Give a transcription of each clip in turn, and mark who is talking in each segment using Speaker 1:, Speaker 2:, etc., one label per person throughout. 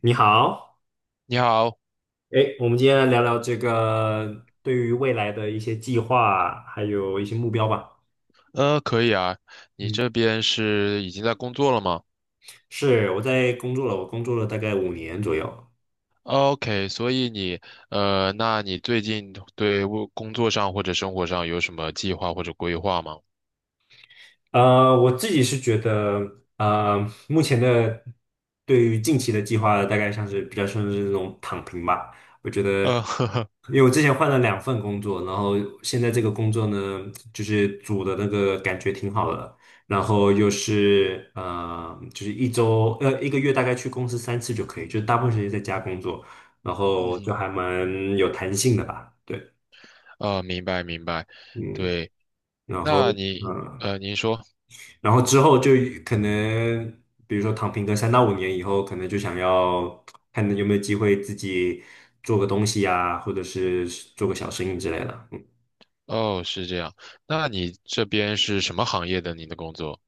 Speaker 1: 你好，
Speaker 2: 你好，
Speaker 1: 哎，我们今天来聊聊这个对于未来的一些计划，还有一些目标吧。
Speaker 2: 可以啊，你
Speaker 1: 嗯，
Speaker 2: 这边是已经在工作了吗
Speaker 1: 是，我在工作了，我工作了大概五年左右。
Speaker 2: ？OK，所以你，那你最近对我工作上或者生活上有什么计划或者规划吗？
Speaker 1: 我自己是觉得，目前的对于近期的计划，大概像是比较像是那种躺平吧。我觉得，
Speaker 2: 呵呵，
Speaker 1: 因为我之前换了2份工作，然后现在这个工作呢，就是组的那个感觉挺好的，然后又是就是1个月大概去公司3次就可以，就是大部分时间在家工作，然
Speaker 2: 嗯
Speaker 1: 后就
Speaker 2: 哼，
Speaker 1: 还蛮有弹性的吧。对，
Speaker 2: 明白明白，
Speaker 1: 嗯，
Speaker 2: 对，
Speaker 1: 然后。
Speaker 2: 那你，
Speaker 1: 呃
Speaker 2: 您说，
Speaker 1: 然后之后就可能，比如说躺平个3到5年以后，可能就想要看有没有机会自己做个东西呀、或者是做个小生意之类的。嗯，
Speaker 2: 哦，是这样，那你这边是什么行业的？您的工作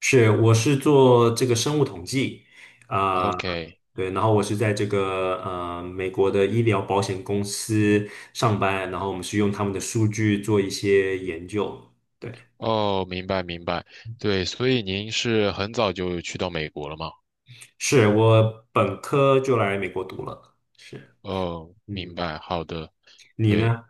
Speaker 1: 是，我是做这个生物统计，啊、
Speaker 2: ？OK，
Speaker 1: 对，然后我是在这个美国的医疗保险公司上班，然后我们是用他们的数据做一些研究。对，
Speaker 2: 哦，明白明白，对，所以您是很早就去到美国了吗？
Speaker 1: 是我本科就来美国读了，是，
Speaker 2: 哦，明
Speaker 1: 嗯，
Speaker 2: 白，好的。
Speaker 1: 你
Speaker 2: 对。
Speaker 1: 呢？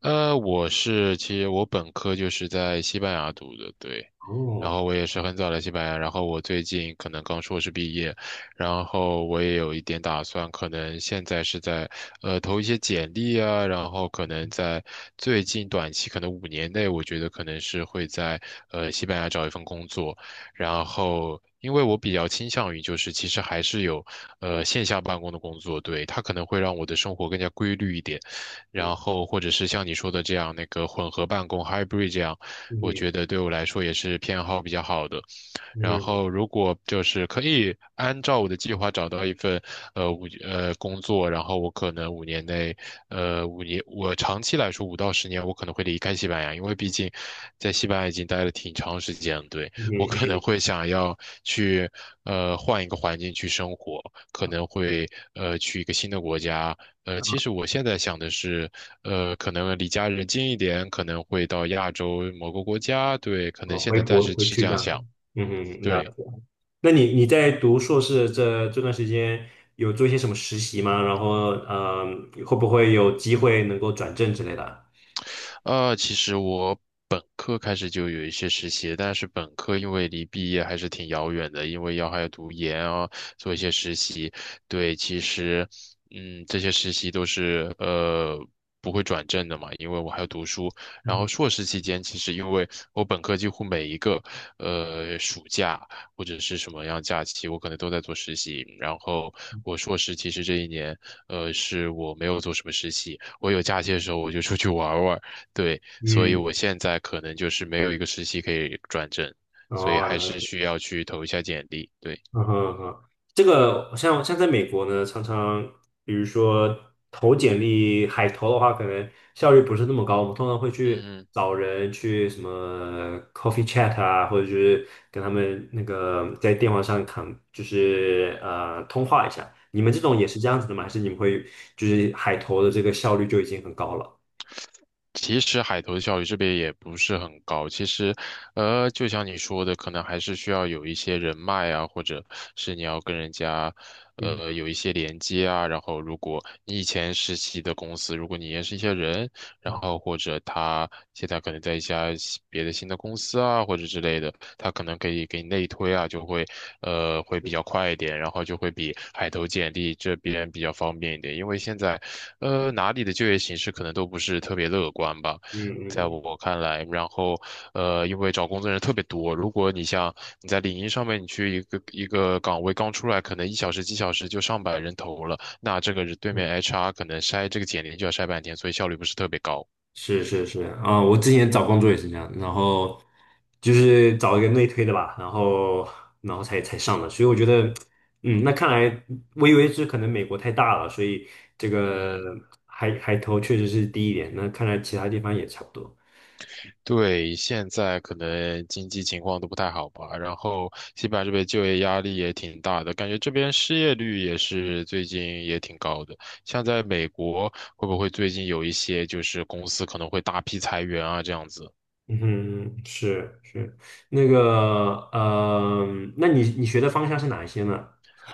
Speaker 2: 其实我本科就是在西班牙读的，对。然
Speaker 1: 哦。
Speaker 2: 后我也是很早来西班牙，然后我最近可能刚硕士毕业，然后我也有一点打算，可能现在是在投一些简历啊，然后可能在最近短期可能五年内，我觉得可能是会在西班牙找一份工作，然后。因为我比较倾向于，就是其实还是有，线下办公的工作，对，它可能会让我的生活更加规律一点，然后或者是像你说的这样，那个混合办公 hybrid 这样，我觉
Speaker 1: 嗯
Speaker 2: 得对我来说也是偏好比较好的。然
Speaker 1: 嗯
Speaker 2: 后，如果就是可以按照我的计划找到一份呃五呃工作，然后我可能五年内，呃五年我长期来说5到10年，我可能会离开西班牙，因为毕竟在西班牙已经待了挺长时间了，对，
Speaker 1: 嗯
Speaker 2: 我可能
Speaker 1: 嗯，
Speaker 2: 会想要去换一个环境去生活，可能会去一个新的国家。其实我现在想的是，可能离家人近一点，可能会到亚洲某个国家，对，可
Speaker 1: 哦，
Speaker 2: 能现
Speaker 1: 回
Speaker 2: 在暂
Speaker 1: 国
Speaker 2: 时
Speaker 1: 回
Speaker 2: 是
Speaker 1: 去
Speaker 2: 这
Speaker 1: 这
Speaker 2: 样
Speaker 1: 样子，
Speaker 2: 想。
Speaker 1: 嗯嗯，那
Speaker 2: 对，
Speaker 1: 那你在读硕士这段时间有做一些什么实习吗？然后，嗯，会不会有机会能够转正之类的？
Speaker 2: 其实我本科开始就有一些实习，但是本科因为离毕业还是挺遥远的，因为要还要读研啊，做一些实习。对，其实，嗯，这些实习都是不会转正的嘛，因为我还要读书。然后
Speaker 1: 嗯，
Speaker 2: 硕士期间，其实因为我本科几乎每一个暑假或者是什么样假期，我可能都在做实习。然后我硕士其实这一年，是我没有做什么实习。我有假期的时候我就出去玩儿玩儿，对，所以
Speaker 1: 嗯，
Speaker 2: 我现在可能就是没有一个实习可以转正，所以还
Speaker 1: 哦，
Speaker 2: 是需要去投一下简历。对，
Speaker 1: 嗯哼嗯哼，这个像在美国呢，常常比如说投简历海投的话，可能效率不是那么高。我们通常会去
Speaker 2: 嗯哼。
Speaker 1: 找人去什么 coffee chat 啊，或者就是跟他们那个在电话上谈，就是通话一下。你们这种也是这样子的吗？还是你们会就是海投的这个效率就已经很高了？
Speaker 2: 其实海投的效率这边也不是很高。其实，就像你说的，可能还是需要有一些人脉啊，或者是你要跟人家，
Speaker 1: 嗯
Speaker 2: 有一些连接啊。然后，如果你以前实习的公司，如果你认识一些人，然
Speaker 1: 嗯
Speaker 2: 后或者他现在可能在一家别的新的公司啊，或者之类的，他可能可以给你内推啊，就会，会比较快一点，然后就会比海投简历这边比较方便一点，因为现在。哪里的就业形势可能都不是特别乐观吧，
Speaker 1: 嗯
Speaker 2: 在
Speaker 1: 嗯
Speaker 2: 我看来。然后，因为找工作人特别多，如果你像你在领英上面，你去一个一个岗位刚出来，可能1小时几小时就上百人投了，那这个是对
Speaker 1: 嗯。
Speaker 2: 面 HR 可能筛这个简历就要筛半天，所以效率不是特别高。
Speaker 1: 是是是啊，我之前找工作也是这样，然后就是找一个内推的吧，然后才上的，所以我觉得，嗯，那看来我以为是可能美国太大了，所以这个
Speaker 2: 嗯。
Speaker 1: 海投确实是低一点，那看来其他地方也差不多。
Speaker 2: 对，现在可能经济情况都不太好吧，然后西班牙这边就业压力也挺大的，感觉这边失业率也是最近也挺高的。像在美国，会不会最近有一些就是公司可能会大批裁员啊这样子？
Speaker 1: 嗯哼，是是，那个那你学的方向是哪一些呢？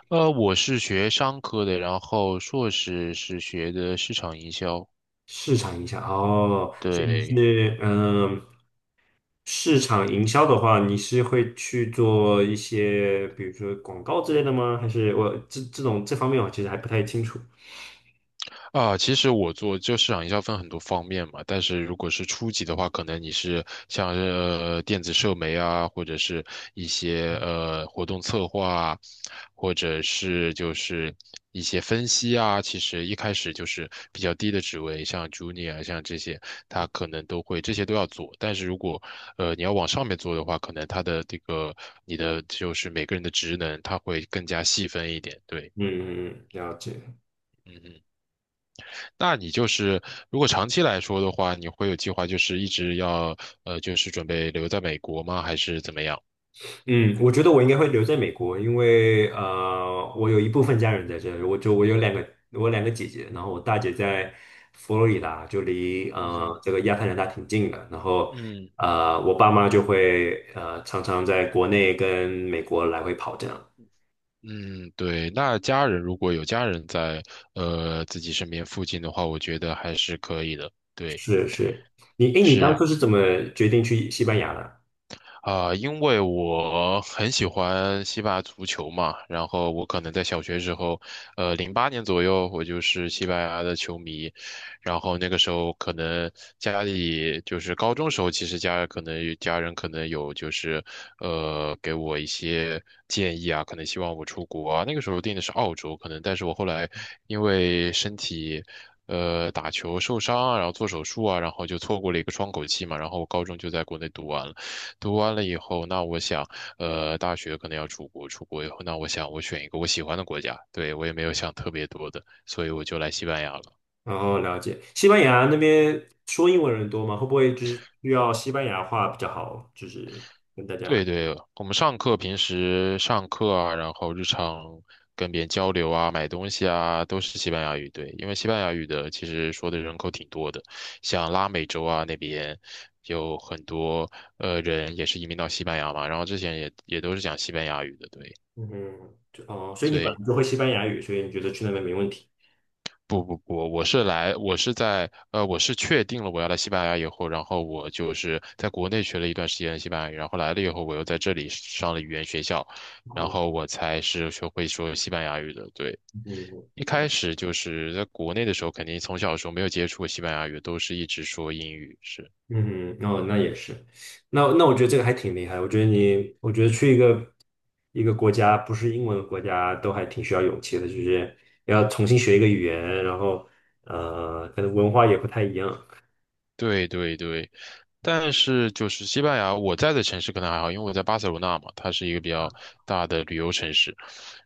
Speaker 2: 我是学商科的，然后硕士是学的市场营销，
Speaker 1: 市场营销哦，所以你
Speaker 2: 对。
Speaker 1: 是。市场营销的话，你是会去做一些，比如说广告之类的吗？还是我这种这方面我其实还不太清楚。
Speaker 2: 啊，其实我做就市场营销分很多方面嘛，但是如果是初级的话，可能你是像是电子社媒啊，或者是一些活动策划啊，或者是就是一些分析啊，其实一开始就是比较低的职位，像 junior 啊像这些，他可能都会这些都要做。但是如果你要往上面做的话，可能他的这个你的就是每个人的职能，他会更加细分一点。对，
Speaker 1: 嗯，了解。
Speaker 2: 嗯嗯。那你就是如果长期来说的话，你会有计划，就是一直要就是准备留在美国吗？还是怎么样？
Speaker 1: 嗯，我觉得我应该会留在美国，因为我有一部分家人在这里，我有两个姐姐，然后我大姐在佛罗里达，就离
Speaker 2: 嗯哼，
Speaker 1: 这个亚特兰大挺近的，然后
Speaker 2: 嗯
Speaker 1: 我爸妈就会常常在国内跟美国来回跑这样。
Speaker 2: 嗯，对。那家人如果有家人在自己身边附近的话，我觉得还是可以的。对，
Speaker 1: 是是，你当
Speaker 2: 是。
Speaker 1: 初是怎么决定去西班牙的？
Speaker 2: 啊、因为我很喜欢西班牙足球嘛，然后我可能在小学时候，08年左右，我就是西班牙的球迷，然后那个时候可能家里就是高中时候，其实家可能有家人可能有就是给我一些建议啊，可能希望我出国啊，那个时候定的是澳洲，可能，但是我后来因为身体。打球受伤啊，然后做手术啊，然后就错过了一个窗口期嘛，然后我高中就在国内读完了。读完了以后，那我想，大学可能要出国，出国以后，那我想我选一个我喜欢的国家，对，我也没有想特别多的，所以我就来西班牙了。
Speaker 1: 然后了解西班牙那边说英文人多吗？会不会就是需要西班牙话比较好？就是跟大
Speaker 2: 对
Speaker 1: 家，
Speaker 2: 对，我们上课平时上课啊，然后日常跟别人交流啊，买东西啊，都是西班牙语，对，因为西班牙语的其实说的人口挺多的，像拉美洲啊那边有很多人也是移民到西班牙嘛，然后之前也都是讲西班牙语的，对。
Speaker 1: 嗯，就哦，所以
Speaker 2: 所
Speaker 1: 你本
Speaker 2: 以
Speaker 1: 来就会西班牙语，所以你觉得去那边没问题？
Speaker 2: 不不不，我是确定了我要来西班牙以后，然后我就是在国内学了一段时间的西班牙语，然后来了以后，我又在这里上了语言学校，然
Speaker 1: 哦，
Speaker 2: 后我才是学会说西班牙语的。对，
Speaker 1: 嗯
Speaker 2: 一开始就是在国内的时候，肯定从小的时候没有接触过西班牙语，都是一直说英语，是，
Speaker 1: 嗯，哦，那也是，那我觉得这个还挺厉害。我觉得去一个国家不是英文的国家，都还挺需要勇气的，就是要重新学一个语言，然后可能文化也不太一样。
Speaker 2: 对对对。但是就是西班牙，我在的城市可能还好，因为我在巴塞罗那嘛，它是一个比较大的旅游城市。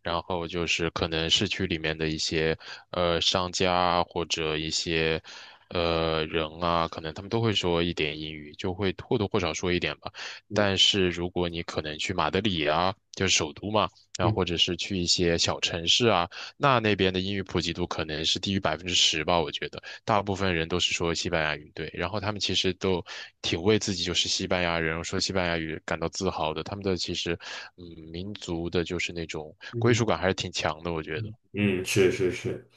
Speaker 2: 然后就是可能市区里面的一些商家啊或者一些人啊，可能他们都会说一点英语，就会或多或少说一点吧。
Speaker 1: 嗯
Speaker 2: 但是如果你可能去马德里啊，就是首都嘛，然后
Speaker 1: 嗯
Speaker 2: 或者是去一些小城市啊，那那边的英语普及度可能是低于10%吧，我觉得。大部分人都是说西班牙语，对，然后他们其实都挺为自己就是西班牙人说西班牙语感到自豪的，他们的其实，嗯，民族的就是那种归
Speaker 1: 嗯，
Speaker 2: 属感还是挺强的，我觉得。
Speaker 1: 嗯是是是，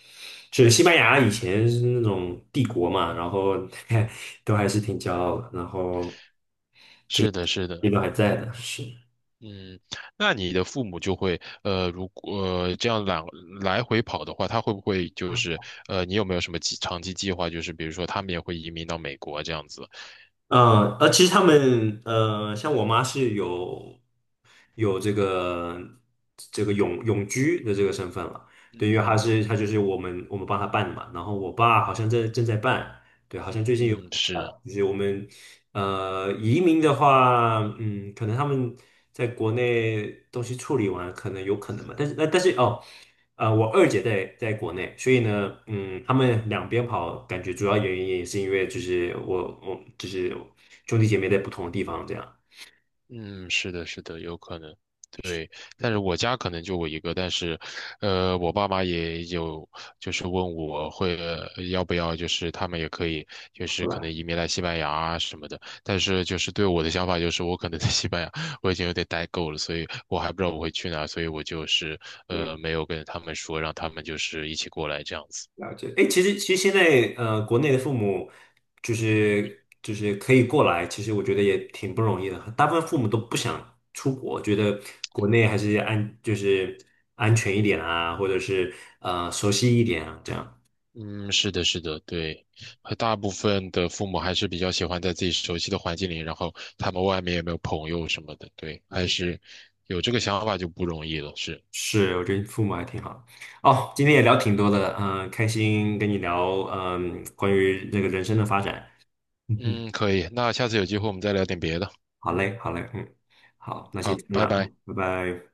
Speaker 1: 是西班牙以前是那种帝国嘛，然后 都还是挺骄傲的，然后
Speaker 2: 是的，是
Speaker 1: 也
Speaker 2: 的，
Speaker 1: 都还在的，是。
Speaker 2: 嗯，那你的父母就会，如果、这样来回跑的话，他会不会就是，你有没有什么长期计划，就是比如说他们也会移民到美国这样子？
Speaker 1: 嗯，其实他们像我妈是有这个永居的这个身份了，对，因
Speaker 2: 嗯
Speaker 1: 为
Speaker 2: 哼，
Speaker 1: 她就是我们帮她办的嘛，然后我爸好像正在办，对，好像最近有
Speaker 2: 嗯，是。
Speaker 1: 就是我们移民的话，嗯，可能他们在国内东西处理完，可能有可能嘛，但是哦。我二姐在国内，所以呢，嗯，他们两边跑，感觉主要原因也是因为就是我就是兄弟姐妹在不同的地方这样。
Speaker 2: 嗯，是的，是的，有可能，对。但是我家可能就我一个，但是，我爸妈也有，就是问我会，要不要，就是他们也可以，就
Speaker 1: 好
Speaker 2: 是可能
Speaker 1: 吧，
Speaker 2: 移民来西班牙啊什么的。但是就是对我的想法就是，我可能在西班牙我已经有点待够了，所以我还不知道我会去哪，所以我就是
Speaker 1: 嗯，
Speaker 2: 没有跟他们说，让他们就是一起过来这样子。
Speaker 1: 了解。哎，其实现在国内的父母就是可以过来，其实我觉得也挺不容易的。大部分父母都不想出国，觉得国内还是安就是安全一点啊，或者是熟悉一点啊，这样。
Speaker 2: 嗯，是的，是的，对，和大部分的父母还是比较喜欢在自己熟悉的环境里，然后他们外面有没有朋友什么的，对，还
Speaker 1: 嗯。
Speaker 2: 是有这个想法就不容易了，是，
Speaker 1: 是，我觉得父母还挺好。哦，今天也
Speaker 2: 嗯
Speaker 1: 聊挺多的，嗯、开心跟你聊，嗯、关于这个人生的发展。嗯哼，
Speaker 2: 嗯，可以，那下次有机会我们再聊点别的，
Speaker 1: 好嘞，好嘞，嗯，好，那先
Speaker 2: 好，
Speaker 1: 这样
Speaker 2: 拜
Speaker 1: 了，
Speaker 2: 拜。
Speaker 1: 嗯，拜拜。